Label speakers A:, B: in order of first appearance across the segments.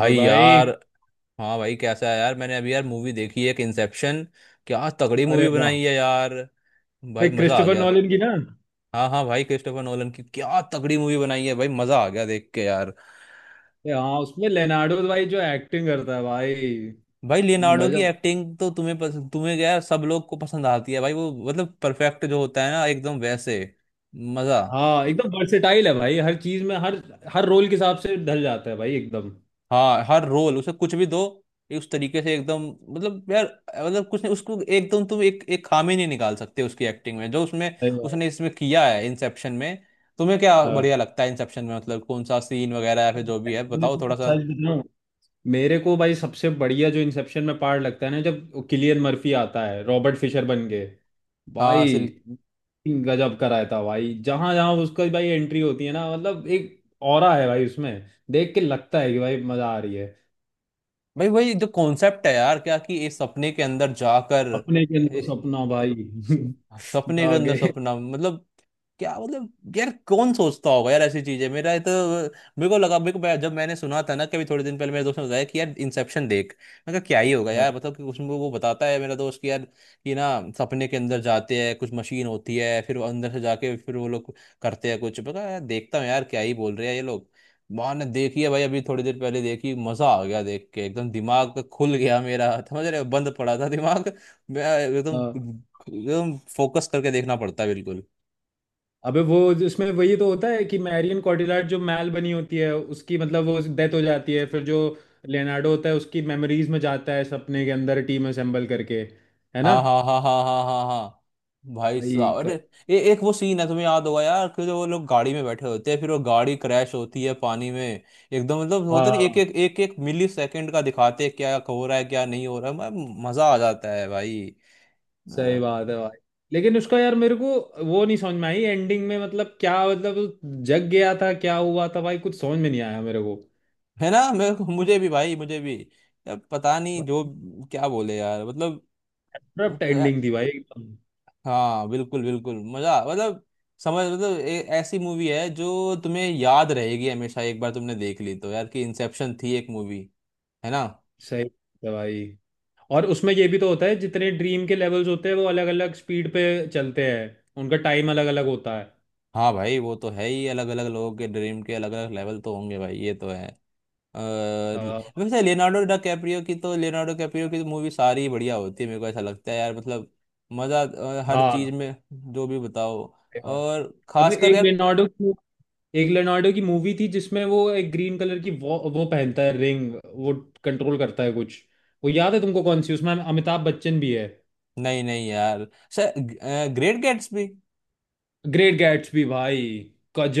A: और
B: यार।
A: भाई।
B: हाँ भाई, कैसा है यार? मैंने अभी यार मूवी देखी है एक, इंसेप्शन। क्या तगड़ी
A: अरे
B: मूवी
A: वाह।
B: बनाई है यार!
A: भाई
B: भाई मजा आ
A: क्रिस्टोफर
B: गया।
A: नॉलन की ना।
B: हाँ हाँ भाई, क्रिस्टोफर नोलन की क्या तगड़ी मूवी बनाई है भाई। मजा आ गया देख के यार।
A: हाँ, उसमें लेनार्डो भाई जो एक्टिंग करता है भाई।
B: भाई लियोनार्डो की
A: मजा।
B: एक्टिंग तो तुम्हें क्या, सब लोग को पसंद आती है भाई। वो मतलब परफेक्ट जो होता है ना, एकदम वैसे। मजा।
A: हाँ एकदम वर्सेटाइल है भाई, हर चीज में, हर हर रोल के हिसाब से ढल जाता है भाई एकदम।
B: हाँ, हर रोल उसे कुछ भी दो, ये उस तरीके से एकदम। मतलब यार, मतलब कुछ नहीं, उसको एकदम तुम एक एक खामी नहीं निकाल सकते उसकी एक्टिंग में जो उसमें
A: सही बात।
B: उसने इसमें किया है इंसेप्शन में। तुम्हें क्या
A: हाँ।
B: बढ़िया लगता है इंसेप्शन में, मतलब कौन सा सीन वगैरह या फिर जो भी है,
A: मैं
B: बताओ
A: तुमको
B: थोड़ा सा।
A: सच बताऊं, मेरे को भाई सबसे बढ़िया जो इंसेप्शन में पार्ट लगता है ना, जब किलियन मर्फी आता है रॉबर्ट फिशर बन के
B: हाँ
A: भाई,
B: सिल।
A: गजब कराया था भाई। जहां जहां उसका भाई एंट्री होती है ना, मतलब एक ऑरा है भाई उसमें। देख के लगता है कि भाई मजा आ रही है।
B: भाई वही जो कॉन्सेप्ट है यार क्या, कि इस सपने के अंदर जाकर,
A: अपने के अंदर सपना भाई।
B: सो- सपने के अंदर
A: जागे।
B: सपना मतलब। क्या मतलब यार, कौन सोचता होगा यार ऐसी चीजें। मेरा ये तो, मेरे को लगा, जब मैंने सुना था ना कभी थोड़े दिन पहले, मेरे दोस्त ने बताया कि यार इंसेप्शन देख। मैं कहा क्या ही होगा यार, मतलब कि उसमें वो बताता है मेरा दोस्त कि यार कि ना, सपने के अंदर जाते हैं कुछ मशीन होती है, फिर वो अंदर से जाके फिर वो लोग करते हैं कुछ। मैं कहा यार देखता हूँ यार क्या ही बोल रहे हैं ये लोग। मैंने देखी है भाई अभी थोड़ी देर पहले देखी, मजा आ गया देख के। एकदम दिमाग खुल गया मेरा, समझ रहे हो? बंद पड़ा था दिमाग। मैं एकदम,
A: हाँ।
B: एकदम फोकस करके देखना पड़ता है बिल्कुल।
A: अबे वो, इसमें वही तो होता है कि मैरियन कॉटिलार्ड जो मैल बनी होती है उसकी, मतलब वो डेथ हो जाती है, फिर जो लियोनार्डो होता है उसकी मेमोरीज में जाता है सपने के अंदर टीम असेंबल करके, है ना
B: हाँ हाँ हाँ हाँ हाँ हाँ हाँ। भाई
A: भाई।
B: साहब, अरे!
A: क-
B: एक वो सीन है तुम्हें याद होगा यार, कि जो वो लोग गाड़ी में बैठे होते हैं, फिर वो गाड़ी क्रैश होती है पानी में एकदम, मतलब होता नहीं, एक
A: हाँ
B: एक एक एक मिली सेकंड का दिखाते हैं क्या हो रहा है क्या नहीं हो रहा है। मजा आ जाता है भाई।
A: सही
B: अ,
A: बात है भाई। लेकिन उसका यार मेरे को वो नहीं समझ में आई एंडिंग में। मतलब क्या, मतलब वो जग गया था, क्या हुआ था भाई, कुछ समझ में नहीं आया मेरे को।
B: है ना, मैं मुझे भी भाई, मुझे भी। अब पता नहीं, जो क्या बोले यार,
A: एब्रप्ट
B: मतलब।
A: एंडिंग थी भाई एकदम।
B: हाँ बिल्कुल बिल्कुल, मजा मतलब, समझ मतलब, ऐसी मूवी है जो तुम्हें याद रहेगी हमेशा। एक बार तुमने देख ली तो यार, कि इंसेप्शन थी एक मूवी, है ना।
A: सही बात है भाई। और उसमें ये भी तो होता है, जितने ड्रीम के लेवल्स होते हैं वो अलग अलग स्पीड पे चलते हैं, उनका टाइम अलग अलग होता है।
B: हाँ भाई, वो तो है ही, अलग अलग लोगों के ड्रीम के अलग अलग लेवल तो होंगे भाई, ये तो है। अ,
A: आ,
B: वैसे लियोनार्डो डा कैप्रियो की तो, लियोनार्डो कैप्रियो की तो मूवी सारी बढ़िया होती है, मेरे को ऐसा लगता है यार। मतलब मजा, हर
A: हाँ
B: चीज में जो भी बताओ।
A: सही बात।
B: और
A: अब
B: खासकर
A: एक
B: यार,
A: लेनार्डो की एक लेनार्डो की मूवी थी जिसमें वो एक ग्रीन कलर की वो पहनता है रिंग, वो कंट्रोल करता है कुछ, वो याद है तुमको कौन सी, उसमें अमिताभ बच्चन भी है।
B: नहीं नहीं यार, ग्रेट गेट्स भी।
A: ग्रेट गैट्सबी भाई,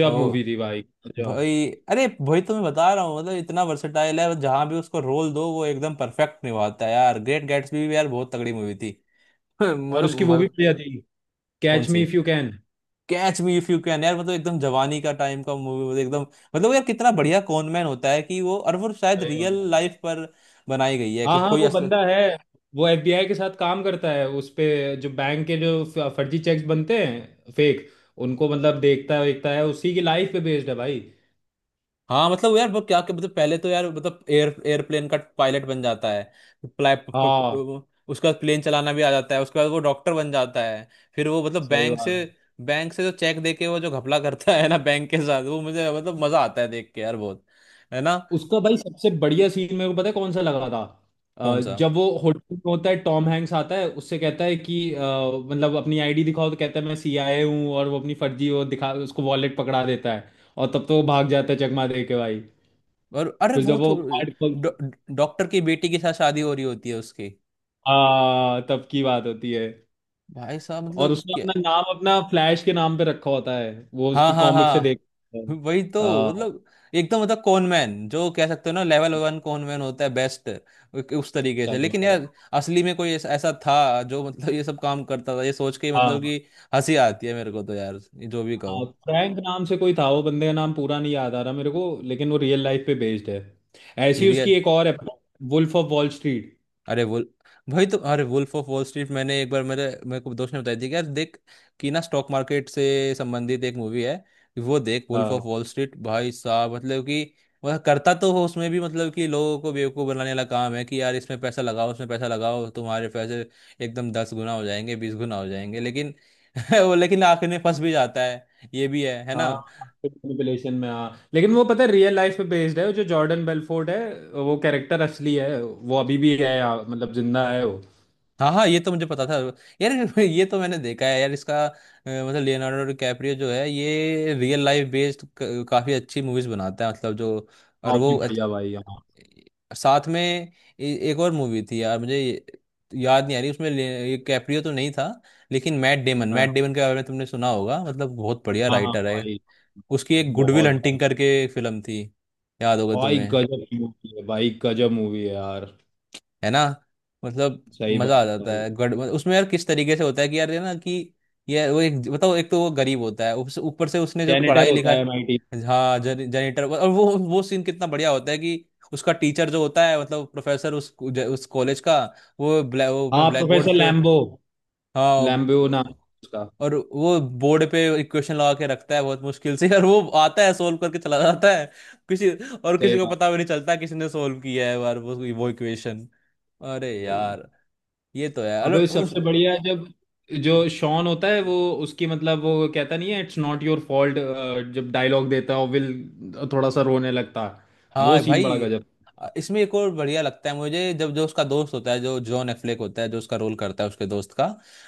B: ओ
A: मूवी थी भाई। गजब।
B: भाई, अरे भाई, तो मैं बता रहा हूँ, मतलब इतना वर्सेटाइल है, जहां भी उसको रोल दो वो एकदम परफेक्ट निभाता है यार। ग्रेट गैट्सबी भी यार बहुत तगड़ी मूवी थी।
A: और
B: मतलब
A: उसकी वो भी
B: मतलब,
A: बढ़िया थी,
B: कौन
A: Catch Me
B: see?
A: If You Can.
B: Catch Me If You Can यार, मतलब एकदम जवानी का टाइम का मूवी, मतलब एकदम। मतलब यार कितना बढ़िया कॉनमैन होता है कि वो। और वो शायद
A: सही
B: रियल
A: बात है।
B: लाइफ पर बनाई गई है,
A: हाँ
B: कि
A: हाँ, वो बंदा है, वो एफबीआई के साथ काम करता है उस पे। जो बैंक के जो फर्जी चेक्स बनते हैं, फेक, उनको मतलब देखता है देखता है, उसी की लाइफ पे बेस्ड है भाई।
B: हाँ। मतलब यार वो क्या क्या- मतलब पहले तो यार, मतलब एयरप्लेन का पायलट बन जाता है, प्ला- प, प,
A: हाँ
B: प, उसका प्लेन चलाना भी आ जाता है, उसके बाद वो डॉक्टर बन जाता है, फिर वो मतलब
A: सही बात है।
B: बैंक से जो चेक दे के, वो जो घपला करता है ना बैंक के साथ, वो मुझे मतलब मजा आता है देख के यार बहुत, है ना।
A: उसका भाई सबसे बढ़िया सीन मेरे को पता है कौन सा लगा था,
B: कौन सा?
A: जब वो होटल में होता है, टॉम हैंक्स आता है उससे कहता है कि मतलब अपनी आईडी दिखाओ, तो कहता है मैं सीआईए हूँ, और वो अपनी फर्जी वो दिखा, उसको वॉलेट पकड़ा देता है, और तब तो वो भाग जाता है चकमा दे के भाई।
B: और अरे
A: फिर
B: वो
A: जब
B: तो,
A: वो कार्ड
B: डॉ- डॉक्टर की बेटी के साथ शादी हो रही होती है उसकी।
A: हाँ तब की बात होती है।
B: भाई साहब,
A: और
B: मतलब
A: उसने
B: क्या!
A: अपना नाम अपना फ्लैश के नाम पे रखा होता है, वो
B: हाँ
A: उसकी
B: हाँ
A: कॉमिक से देख।
B: हाँ, वही तो,
A: आ,
B: मतलब एकदम मतलब कॉनमैन जो कह सकते हो ना, लेवल वन कॉनमैन होता है, बेस्ट उस तरीके से।
A: सही
B: लेकिन
A: बात है।
B: यार असली में कोई ऐसा ऐसा था जो मतलब ये सब काम करता था, ये सोच के ही मतलब
A: हाँ
B: कि हंसी आती है मेरे को तो यार, ये जो भी कहो।
A: हाँ, फ्रैंक नाम से कोई था, वो बंदे का नाम पूरा नहीं याद आ रहा मेरे को, लेकिन वो रियल लाइफ पे बेस्ड है। ऐसी ही
B: ये
A: उसकी एक और है, वुल्फ ऑफ वॉल स्ट्रीट।
B: अरे वुल भाई तो, अरे वुल्फ ऑफ वॉल स्ट्रीट मैंने एक बार, मेरे मेरे को दोस्त ने बताई थी कि यार देख, कि ना स्टॉक मार्केट से संबंधित एक मूवी है, वो देख। वुल्फ
A: हाँ
B: ऑफ वॉल स्ट्रीट भाई साहब, मतलब कि वह करता तो हो उसमें भी, मतलब कि लोगों को बेवकूफ़ बनाने वाला काम है कि यार, इसमें पैसा लगाओ, उसमें पैसा लगाओ, तुम्हारे पैसे एकदम दस गुना हो जाएंगे, बीस गुना हो जाएंगे, लेकिन वो लेकिन आखिर में फंस भी जाता है, ये भी है ना।
A: हाँ मैनिपुलेशन में, हाँ लेकिन वो पता है रियल लाइफ पे बेस्ड है, जो जॉर्डन बेलफोर्ड है वो कैरेक्टर असली है, वो अभी भी है यहाँ, मतलब जिंदा है वो।
B: हाँ हाँ, ये तो मुझे पता था यार। ये तो मैंने देखा है यार इसका। मतलब लियोनार्डो डिकैप्रियो जो है, ये रियल लाइफ बेस्ड काफी अच्छी मूवीज बनाता है, मतलब जो। और वो
A: काफी
B: अत-
A: बढ़िया भाई, हाँ
B: साथ में एक और मूवी थी यार मुझे, याद नहीं आ रही। उसमें ये कैप्रियो तो नहीं था, लेकिन मैट
A: हाँ।
B: डेमन के बारे में तुमने सुना होगा, मतलब बहुत बढ़िया
A: हाँ हाँ
B: राइटर है।
A: भाई।
B: उसकी एक गुडविल
A: बहुत।
B: हंटिंग करके फिल्म थी, याद होगा
A: भाई
B: तुम्हें,
A: गजब की मूवी है भाई, गजब मूवी है यार।
B: है ना। मतलब
A: सही
B: मजा आ
A: बात
B: जाता
A: भाई।
B: है गड़, मतलब उसमें यार किस तरीके से होता है कि यार, ये ना कि ये वो एक बताओ, एक तो वो गरीब होता है, ऊपर से उसने जो
A: सेनेटर
B: पढ़ाई लिखा
A: होता है माइटी।
B: है, हाँ जनिटर, और वो सीन कितना बढ़िया होता है कि उसका टीचर जो होता है, मतलब प्रोफेसर उस उस कॉलेज का, वो ब्लैक, वो अपना
A: हाँ,
B: ब्लैक बोर्ड
A: प्रोफेसर
B: पे,
A: लैम्बो।
B: हाँ।
A: लैम्बो नाम है
B: ब-
A: उसका।
B: और वो बोर्ड पे इक्वेशन लगा के रखता है बहुत मुश्किल से, और वो आता है सोल्व करके चला जाता है किसी, और
A: सही
B: किसी को
A: बात
B: पता भी नहीं चलता किसी ने सोल्व किया है बार वो इक्वेशन। अरे
A: भाई।
B: यार, ये तो है। अरे
A: अबे
B: उस,
A: सबसे बढ़िया है जब जो शॉन होता है, वो उसकी मतलब वो कहता नहीं है, इट्स नॉट योर फॉल्ट, जब डायलॉग देता है और विल थोड़ा सा रोने लगता है। वो
B: हाँ
A: सीन बड़ा
B: भाई।
A: गजब।
B: इसमें एक और बढ़िया लगता है मुझे, जब जो उसका दोस्त होता है, जो जॉन एफ्लेक होता है, जो उसका रोल करता है उसके दोस्त का,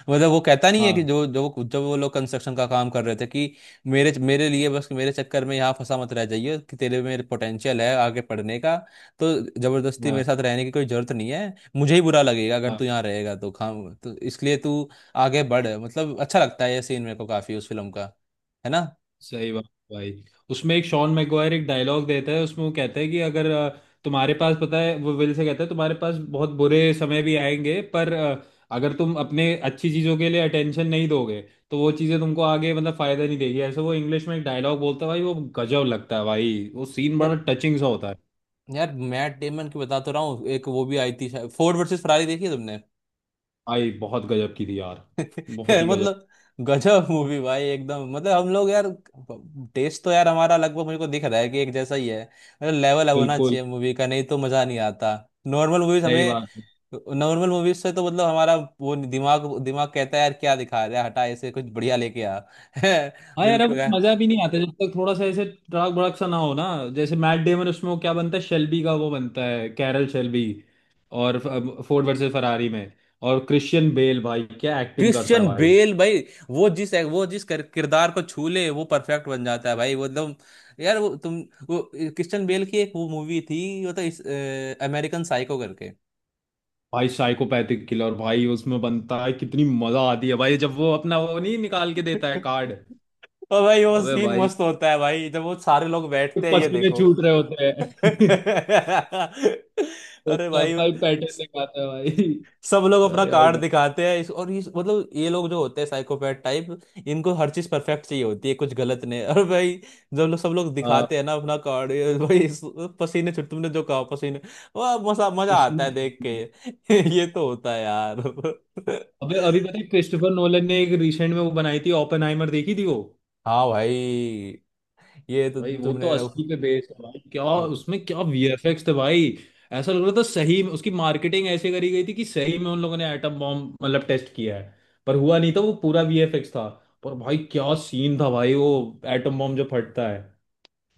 B: मतलब वो कहता नहीं है कि
A: हाँ,
B: जो जो जब वो लोग कंस्ट्रक्शन का काम कर रहे थे कि मेरे मेरे लिए बस, मेरे चक्कर में यहाँ फंसा मत रह जाइए, कि तेरे में पोटेंशियल है आगे पढ़ने का, तो जबरदस्ती मेरे
A: हाँ,
B: साथ रहने की कोई जरूरत नहीं है, मुझे ही बुरा लगेगा अगर
A: हाँ।
B: तू यहाँ रहेगा तो, खाम तो इसलिए तू आगे बढ़। मतलब अच्छा लगता है ये सीन मेरे को काफी उस फिल्म का, है ना।
A: सही बात भाई। उसमें एक शॉन मैगवायर एक डायलॉग देता है, उसमें वो कहता है कि अगर तुम्हारे पास, पता है वो विल से कहता है, तुम्हारे पास बहुत बुरे समय भी आएंगे पर अगर तुम अपने अच्छी चीज़ों के लिए अटेंशन नहीं दोगे तो वो चीज़ें तुमको आगे मतलब फायदा नहीं देगी, ऐसे वो इंग्लिश में एक डायलॉग बोलता है भाई, वो गजब लगता है भाई, वो सीन बड़ा टचिंग सा होता है।
B: यार मैट डेमन की बता तो रहा हूँ, एक वो भी आई थी शायद, फोर्ड वर्सेस फरारी, देखी है तुमने?
A: भाई बहुत गजब की थी यार, बहुत ही गजब।
B: मतलब गजब मूवी भाई एकदम। मतलब हम लोग यार, टेस्ट तो यार हमारा लगभग मुझे को दिख रहा है कि एक जैसा ही है, मतलब लेवल होना
A: बिल्कुल
B: चाहिए मूवी का, नहीं तो मजा नहीं आता। नॉर्मल मूवीज
A: सही
B: हमें,
A: बात है।
B: नॉर्मल मूवीज से तो मतलब हमारा वो, दिमाग दिमाग कहता है यार क्या दिखा रहा है, हटा, ऐसे कुछ बढ़िया लेके आ।
A: हाँ यार, अब वो
B: बिल्कुल।
A: मजा भी नहीं आता जब तक थोड़ा सा ऐसे ट्रक भड़क सा ना हो ना। जैसे मैट डेमन, उसमें वो क्या बनता है, शेल्बी का, वो बनता है कैरल शेल्बी, और फोर्ड वर्सेस फरारी में। और क्रिश्चियन बेल भाई क्या एक्टिंग करता है
B: क्रिश्चियन
A: भाई।
B: बेल भाई, वो जिस, किरदार को छू ले वो परफेक्ट बन जाता है भाई, वो एकदम। यार वो तुम, वो क्रिश्चियन बेल की एक वो मूवी थी, वो तो इस, अमेरिकन साइको करके।
A: भाई साइकोपैथिक किलर भाई उसमें बनता है, कितनी मजा आती है भाई जब वो अपना वो नहीं निकाल के देता है कार्ड।
B: और भाई वो
A: अबे
B: सीन
A: भाई
B: मस्त होता है भाई, जब वो सारे लोग बैठते हैं ये
A: पसीने
B: देखो।
A: छूट रहे होते हैं।
B: अरे
A: उसका
B: भाई,
A: भाई पैटर्न दिखाता है भाई।
B: सब लोग अपना
A: अरे भाई।
B: कार्ड दिखाते हैं इस और इस, मतलब ये लोग जो होते हैं साइकोपैथ टाइप, इनको हर चीज परफेक्ट चाहिए होती है, कुछ गलत नहीं। और भाई जब लोग सब लोग
A: आ,
B: दिखाते हैं ना अपना कार्ड ये भाई, पसीने छुट, तुमने जो कहा पसीने, वाह! मजा मजा आता है
A: पसीने छूट
B: देख
A: रहे
B: के।
A: हैं।
B: ये तो होता है यार।
A: अबे अभी पता है क्रिस्टोफर नोलन ने एक रिसेंट में वो बनाई थी ओपेनहाइमर, देखी थी वो?
B: हाँ भाई, ये तो
A: भाई वो तो
B: तुमने,
A: असली पे बेस्ड है भाई। क्या उसमें क्या वीएफएक्स थे भाई, ऐसा लग रहा था सही में। उसकी मार्केटिंग ऐसे करी गई थी कि सही में उन लोगों ने एटम बॉम्ब मतलब टेस्ट किया है, पर हुआ नहीं था, वो पूरा वीएफएक्स था। पर भाई क्या सीन था भाई वो, एटम बॉम्ब जो फटता है।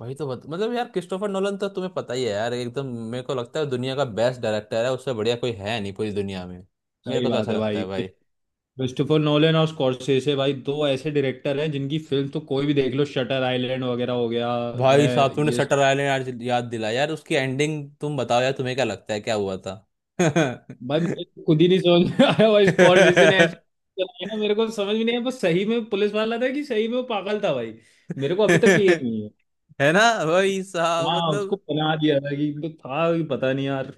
B: वही तो मतलब यार क्रिस्टोफर नोलन तो तुम्हें पता ही है यार, एकदम मेरे को लगता है दुनिया का बेस्ट डायरेक्टर है, उससे बढ़िया कोई है नहीं पूरी दुनिया में। मेरे
A: सही
B: को तो
A: बात
B: ऐसा
A: है
B: लगता
A: भाई।
B: है भाई।
A: क्रिस्टोफर नोलन और स्कॉर्सेसे भाई दो ऐसे डायरेक्टर हैं जिनकी फिल्म तो कोई भी देख लो, शटर आइलैंड वगैरह हो गया।
B: भाई
A: है
B: साहब तुमने
A: ये।
B: शटर आइलैंड याद याद दिलाया यार, उसकी एंडिंग तुम बताओ यार, तुम्हें क्या लगता है क्या हुआ था?
A: भाई मुझे तो खुद ही नहीं समझ में आया भाई, स्कॉर्सेसे ने ऐसे चलाया, मेरे को समझ भी नहीं आया, बस सही में पुलिस वाला था कि सही में वो पागल था भाई, मेरे को अभी तक क्लियर नहीं है।
B: है ना भाई साहब,
A: हाँ, उसको
B: मतलब।
A: बना दिया था कि, तो था कि पता नहीं यार।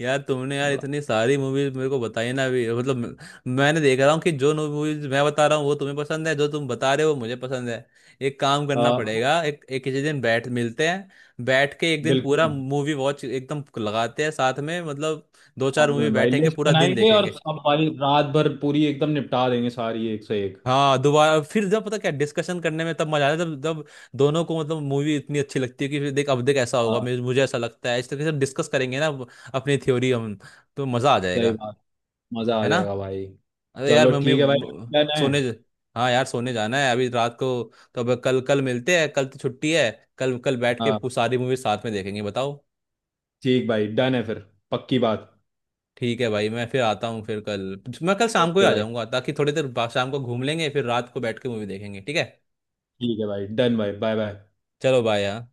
B: यार तुमने यार
A: बड़ा।
B: इतनी सारी मूवीज मेरे को बताई ना अभी, मतलब मैंने देख रहा हूँ कि जो मूवीज मैं बता रहा हूँ वो तुम्हें पसंद है, जो तुम बता रहे हो वो मुझे पसंद है। एक काम करना
A: आ,
B: पड़ेगा, एक किसी दिन बैठ मिलते हैं, बैठ के एक दिन पूरा
A: बिल्कुल।
B: मूवी वॉच एकदम लगाते हैं साथ में, मतलब दो
A: बाद
B: चार मूवी
A: में भाई
B: बैठेंगे,
A: लिस्ट
B: पूरा दिन
A: बनाएंगे और
B: देखेंगे।
A: सब भाई, रात भर पूरी एकदम निपटा देंगे सारी एक से एक।
B: हाँ, दोबारा फिर, जब पता क्या डिस्कशन करने में तब मजा आता है जब जब दोनों को मतलब मूवी इतनी अच्छी लगती है कि फिर देख, अब देख ऐसा होगा,
A: हाँ
B: मुझे मुझे ऐसा लगता है, इस तरीके से डिस्कस करेंगे ना अपनी थ्योरी हम, तो मजा आ
A: सही
B: जाएगा,
A: बात। मजा आ
B: है ना।
A: जाएगा भाई।
B: अरे यार
A: चलो
B: मम्मी
A: ठीक है भाई,
B: म-
A: डन है।
B: सोने ज- हाँ यार सोने जाना है अभी रात को, तो अब कल, कल मिलते हैं, कल तो छुट्टी है। कल कल बैठ के
A: हाँ
B: सारी मूवी साथ में देखेंगे, बताओ।
A: ठीक भाई, डन है फिर, पक्की बात।
B: ठीक है भाई, मैं फिर आता हूँ फिर कल। मैं कल शाम को ही
A: ओके
B: आ
A: भाई।
B: जाऊंगा ताकि थोड़ी देर बाद शाम को घूम लेंगे, फिर रात को बैठ के मूवी देखेंगे, ठीक है।
A: ठीक है भाई, डन भाई, बाय बाय।
B: चलो बाय यार।